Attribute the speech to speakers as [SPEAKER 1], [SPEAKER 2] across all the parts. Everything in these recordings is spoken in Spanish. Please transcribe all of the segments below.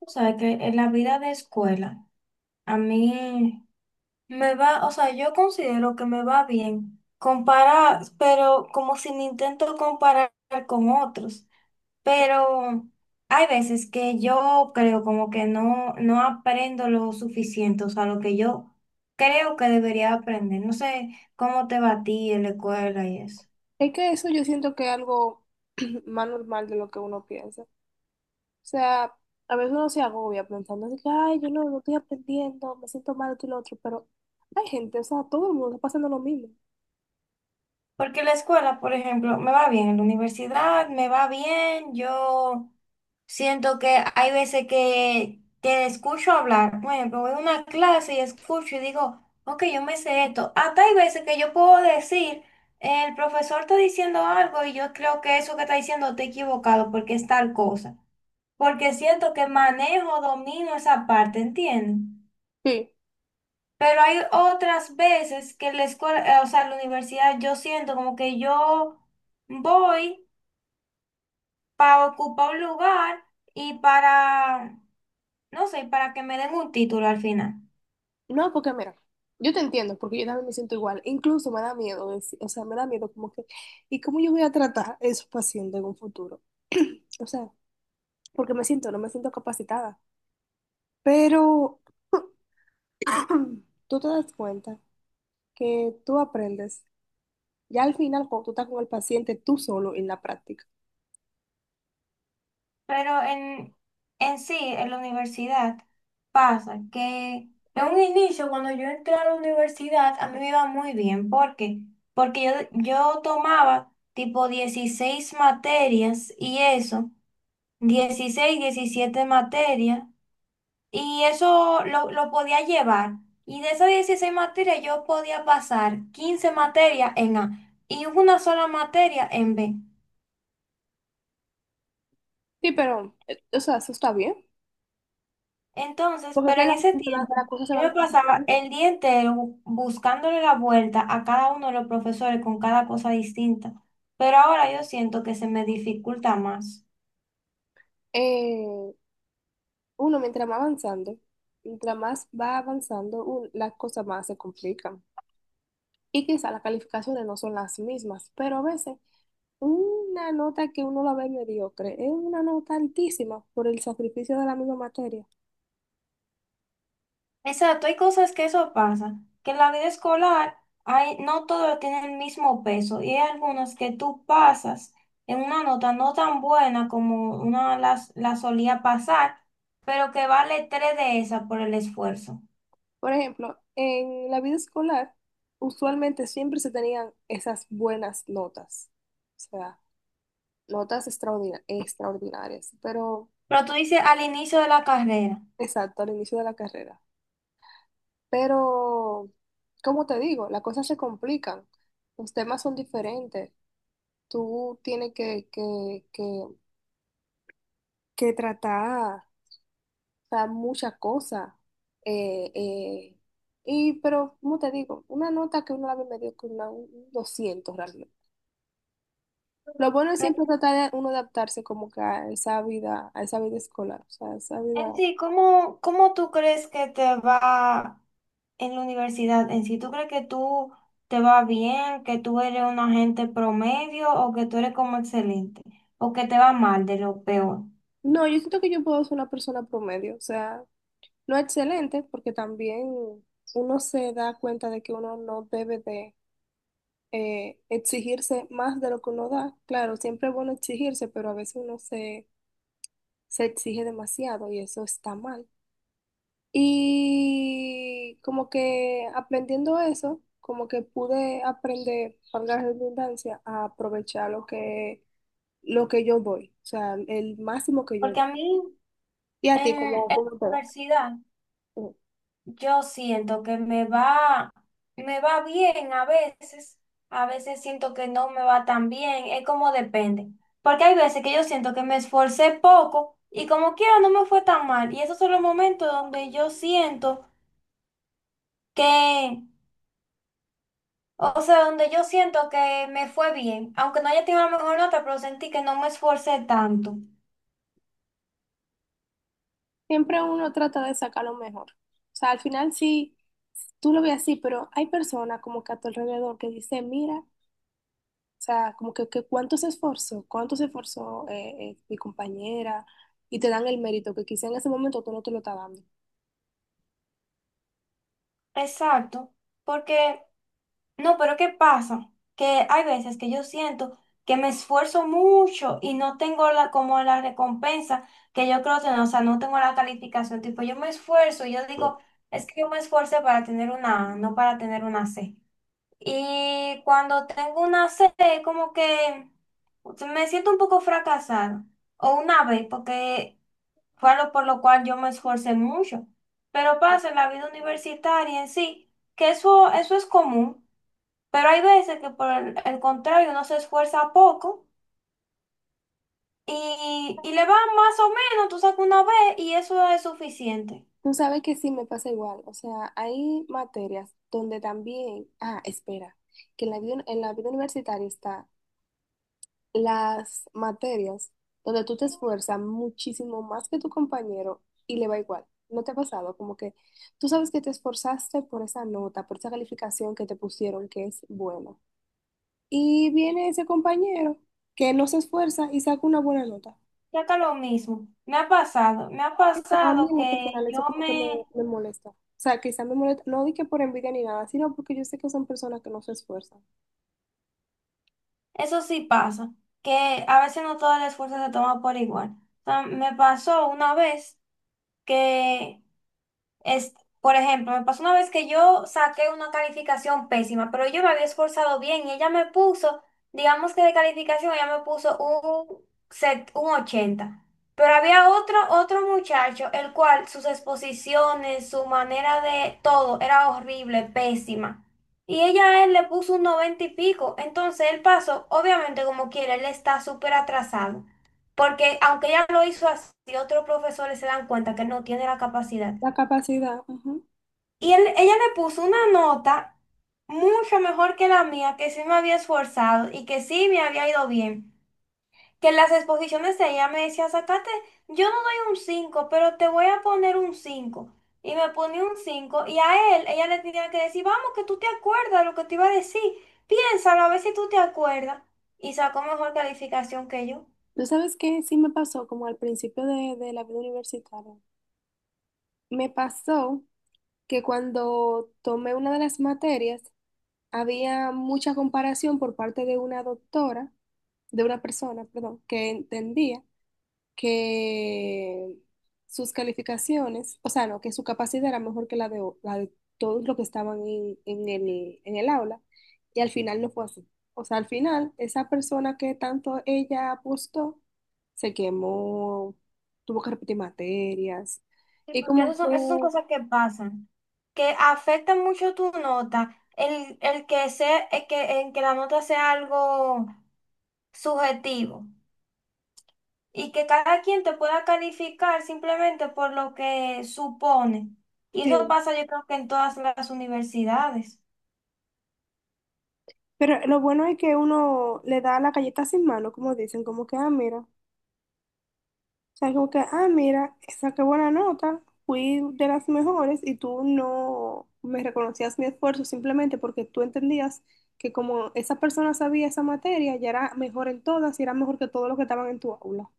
[SPEAKER 1] O sea, que en la vida de escuela, a mí me va, o sea, yo considero que me va bien comparar, pero como si me intento comparar con otros. Pero hay veces que yo creo como que no, no aprendo lo suficiente, o sea, lo que yo creo que debería aprender. No sé cómo te va a ti en la escuela y eso.
[SPEAKER 2] Es que eso yo siento que es algo más normal de lo que uno piensa. O sea, a veces uno se agobia pensando así que, ay, yo no, no estoy aprendiendo, me siento mal esto y lo otro, pero hay gente, o sea, todo el mundo está pasando lo mismo.
[SPEAKER 1] Porque la escuela, por ejemplo, me va bien, en la universidad me va bien, yo siento que hay veces que escucho hablar, por ejemplo, voy a una clase y escucho y digo, ok, yo me sé esto. Hasta hay veces que yo puedo decir, el profesor está diciendo algo y yo creo que eso que está diciendo está equivocado porque es tal cosa, porque siento que manejo, domino esa parte, ¿entiendes?
[SPEAKER 2] Sí.
[SPEAKER 1] Pero hay otras veces que la escuela, o sea, la universidad, yo siento como que yo voy para ocupar un lugar y para, no sé, para que me den un título al final.
[SPEAKER 2] No, porque mira, yo te entiendo, porque yo también me siento igual. Incluso me da miedo decir, o sea, me da miedo como que, ¿y cómo yo voy a tratar a esos pacientes en un futuro? O sea, porque me siento, no me siento capacitada. Pero tú te das cuenta que tú aprendes ya al final, cuando tú estás con el paciente tú solo en la práctica.
[SPEAKER 1] Pero en sí, en la universidad pasa que en un inicio, cuando yo entré a la universidad, a mí me iba muy bien. ¿Por qué? Porque yo tomaba tipo 16 materias y eso, 16 17 materias. Y eso lo podía llevar. Y de esas 16 materias yo podía pasar 15 materias en A y una sola materia en B.
[SPEAKER 2] Sí, pero, o sea, eso está bien.
[SPEAKER 1] Entonces,
[SPEAKER 2] Porque es
[SPEAKER 1] pero
[SPEAKER 2] que
[SPEAKER 1] en
[SPEAKER 2] las
[SPEAKER 1] ese
[SPEAKER 2] la, las
[SPEAKER 1] tiempo
[SPEAKER 2] cosas se
[SPEAKER 1] yo
[SPEAKER 2] van
[SPEAKER 1] me pasaba
[SPEAKER 2] complicando.
[SPEAKER 1] el día entero buscándole la vuelta a cada uno de los profesores con cada cosa distinta. Pero ahora yo siento que se me dificulta más.
[SPEAKER 2] Eh, uno, mientras más avanzando, mientras más va avanzando, las cosas más se complican. Y quizá las calificaciones no son las mismas, pero a veces una nota que uno la ve mediocre es una nota altísima por el sacrificio de la misma materia.
[SPEAKER 1] Exacto, hay cosas que eso pasa, que en la vida escolar no todos tienen el mismo peso y hay algunos que tú pasas en una nota no tan buena como una solía pasar, pero que vale tres de esa por el esfuerzo.
[SPEAKER 2] Por ejemplo, en la vida escolar, usualmente siempre se tenían esas buenas notas, o sea, notas extraordinarias, pero
[SPEAKER 1] Pero tú dices al inicio de la carrera.
[SPEAKER 2] exacto, al inicio de la carrera. Pero, como te digo, las cosas se complican, los temas son diferentes, tú tienes que tratar, o sea, muchas cosas. eh, eh, pero, como te digo, una nota que uno la ve medio que una, un 200 realmente. Lo bueno es siempre tratar de uno adaptarse como que a esa vida escolar, o sea, a esa
[SPEAKER 1] En
[SPEAKER 2] vida.
[SPEAKER 1] sí, ¿Cómo tú crees que te va? En la universidad en sí, ¿tú crees que tú te va bien, que tú eres una gente promedio o que tú eres como excelente o que te va mal de lo peor?
[SPEAKER 2] No, yo siento que yo puedo ser una persona promedio, o sea, no excelente, porque también uno se da cuenta de que uno no debe de exigirse más de lo que uno da. Claro, siempre es bueno exigirse, pero a veces se exige demasiado y eso está mal. Y como que aprendiendo eso, como que pude aprender, valga la redundancia, a aprovechar lo que yo doy, o sea, el máximo que yo
[SPEAKER 1] Porque a
[SPEAKER 2] doy.
[SPEAKER 1] mí
[SPEAKER 2] Y a
[SPEAKER 1] en,
[SPEAKER 2] ti,
[SPEAKER 1] en
[SPEAKER 2] cómo
[SPEAKER 1] la
[SPEAKER 2] cómo te va?
[SPEAKER 1] universidad
[SPEAKER 2] Mm.
[SPEAKER 1] yo siento que me va bien a veces siento que no me va tan bien, es como depende. Porque hay veces que yo siento que me esforcé poco y como quiera no me fue tan mal. Y esos son los momentos donde yo siento que O sea, donde yo siento que me fue bien, aunque no haya tenido la mejor nota, pero sentí que no me esforcé tanto.
[SPEAKER 2] Siempre uno trata de sacar lo mejor. O sea, al final sí, tú lo ves así, pero hay personas como que a tu alrededor que dicen, mira, o sea, como que, cuánto se esforzó mi compañera, y te dan el mérito que quizá en ese momento tú no te lo estás dando.
[SPEAKER 1] Exacto, porque no, pero ¿qué pasa? Que hay veces que yo siento que me esfuerzo mucho y no tengo como la recompensa que yo creo tener, o sea, no tengo la calificación, tipo, yo me esfuerzo y yo digo, es que yo me esforcé para tener una A, no para tener una C. Y cuando tengo una sed, como que me siento un poco fracasada. O una vez, porque fue algo por lo cual yo me esforcé mucho. Pero pasa en la vida universitaria en sí, que eso es común. Pero hay veces que por el contrario uno se esfuerza poco y le va más o menos, tú sacas una vez y eso es suficiente.
[SPEAKER 2] Tú sabes que sí me pasa igual. O sea, hay materias donde también, ah, espera, que en la vida universitaria está las materias donde tú te esfuerzas muchísimo más que tu compañero y le va igual. ¿No te ha pasado? Como que tú sabes que te esforzaste por esa nota, por esa calificación que te pusieron que es buena. Y viene ese compañero que no se esfuerza y saca una buena nota.
[SPEAKER 1] Ya que lo mismo. Me ha
[SPEAKER 2] Eso, a mí
[SPEAKER 1] pasado
[SPEAKER 2] en lo
[SPEAKER 1] que
[SPEAKER 2] personal
[SPEAKER 1] yo
[SPEAKER 2] eso
[SPEAKER 1] me
[SPEAKER 2] me molesta. O sea, quizá me molesta, no di que por envidia ni nada, sino porque yo sé que son personas que no se esfuerzan.
[SPEAKER 1] Eso sí pasa, que a veces no todo el esfuerzo se toma por igual. O sea, me pasó una vez que es, por ejemplo, me pasó una vez que yo saqué una calificación pésima, pero yo me había esforzado bien y ella me puso, digamos que de calificación, ella me puso set, un 80. Pero había otro muchacho, el cual sus exposiciones, su manera de todo era horrible, pésima. Y ella a él le puso un 90 y pico. Entonces él pasó, obviamente como quiera él está súper atrasado. Porque aunque ella lo hizo así, otros profesores se dan cuenta que no tiene la capacidad.
[SPEAKER 2] La capacidad, ujú.
[SPEAKER 1] Y ella le puso una nota mucho mejor que la mía, que sí me había esforzado y que sí me había ido bien. Que en las exposiciones de ella me decía, sacate, yo no doy un 5, pero te voy a poner un cinco. Y me ponía un 5 y a él, ella le tenía que decir, vamos, que tú te acuerdas lo que te iba a decir, piénsalo a ver si tú te acuerdas. Y sacó mejor calificación que yo.
[SPEAKER 2] ¿Tú sabes qué sí me pasó como al principio de la vida universitaria? Me pasó que cuando tomé una de las materias, había mucha comparación por parte de una doctora, de una persona, perdón, que entendía que sus calificaciones, o sea, no, que su capacidad era mejor que la de, la de todos los que estaban en el aula, y al final no fue así. O sea, al final, esa persona que tanto ella apostó, se quemó, tuvo que repetir materias,
[SPEAKER 1] Sí,
[SPEAKER 2] y
[SPEAKER 1] porque
[SPEAKER 2] como
[SPEAKER 1] esas son
[SPEAKER 2] que...
[SPEAKER 1] cosas que pasan, que afectan mucho tu nota, el que sea, el que, en que la nota sea algo subjetivo y que cada quien te pueda calificar simplemente por lo que supone. Y
[SPEAKER 2] Sí,
[SPEAKER 1] eso pasa yo creo que en todas las universidades.
[SPEAKER 2] pero lo bueno es que uno le da la galleta sin mano, como dicen, como que, ah, mira, o sea, como que, ah, mira, saqué buena nota, fui de las mejores y tú no me reconocías mi esfuerzo simplemente porque tú entendías que como esa persona sabía esa materia, ya era mejor en todas y era mejor que todos los que estaban en tu aula.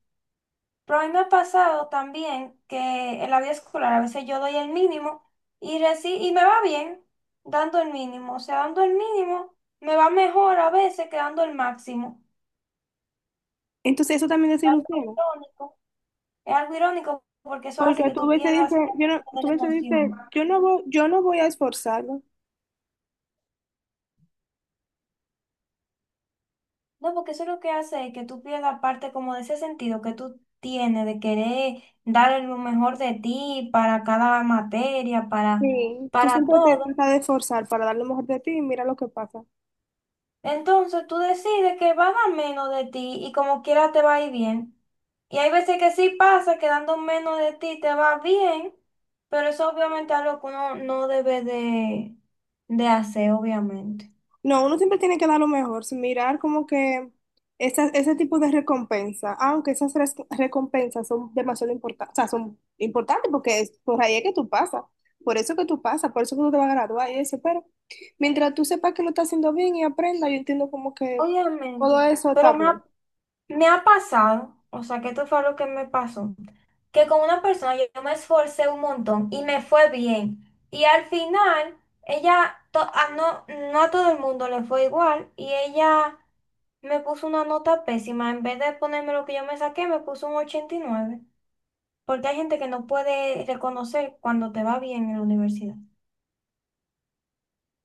[SPEAKER 1] Pero a mí me ha pasado también que en la vida escolar a veces yo doy el mínimo y me va bien dando el mínimo, o sea, dando el mínimo me va mejor a veces que dando el máximo.
[SPEAKER 2] Entonces eso también
[SPEAKER 1] algo
[SPEAKER 2] desilusiona,
[SPEAKER 1] irónico, es algo irónico porque eso hace
[SPEAKER 2] porque
[SPEAKER 1] que
[SPEAKER 2] tú
[SPEAKER 1] tú
[SPEAKER 2] ves y
[SPEAKER 1] pierdas
[SPEAKER 2] dices, yo
[SPEAKER 1] parte
[SPEAKER 2] no,
[SPEAKER 1] como de
[SPEAKER 2] tú
[SPEAKER 1] la
[SPEAKER 2] ves y dices,
[SPEAKER 1] emoción.
[SPEAKER 2] yo no voy a esforzarme.
[SPEAKER 1] No, porque eso lo que hace es que tú pierdas parte como de ese sentido que tú tienes de querer dar lo mejor de ti para cada materia,
[SPEAKER 2] Sí, tú
[SPEAKER 1] para
[SPEAKER 2] siempre te
[SPEAKER 1] todo.
[SPEAKER 2] tratas de esforzar para dar lo mejor de ti y mira lo que pasa.
[SPEAKER 1] Entonces tú decides que vas a dar menos de ti y como quiera te va a ir bien. Y hay veces que sí pasa que dando menos de ti te va bien, pero eso obviamente es algo que uno no debe de hacer, obviamente.
[SPEAKER 2] No, uno siempre tiene que dar lo mejor, sin mirar como que ese tipo de recompensa, aunque esas recompensas son demasiado importantes, o sea, son importantes porque es por ahí es que tú pasas, por eso que tú pasas, por eso que tú te vas a graduar y eso, pero mientras tú sepas que lo estás haciendo bien y aprendas, yo entiendo como que todo
[SPEAKER 1] Obviamente,
[SPEAKER 2] eso está
[SPEAKER 1] pero
[SPEAKER 2] bien.
[SPEAKER 1] me ha pasado, o sea, que esto fue lo que me pasó, que con una persona yo me esforcé un montón y me fue bien. Y al final, ella, to- a no, no a todo el mundo le fue igual y ella me puso una nota pésima. En vez de ponerme lo que yo me saqué, me puso un 89. Porque hay gente que no puede reconocer cuando te va bien en la universidad.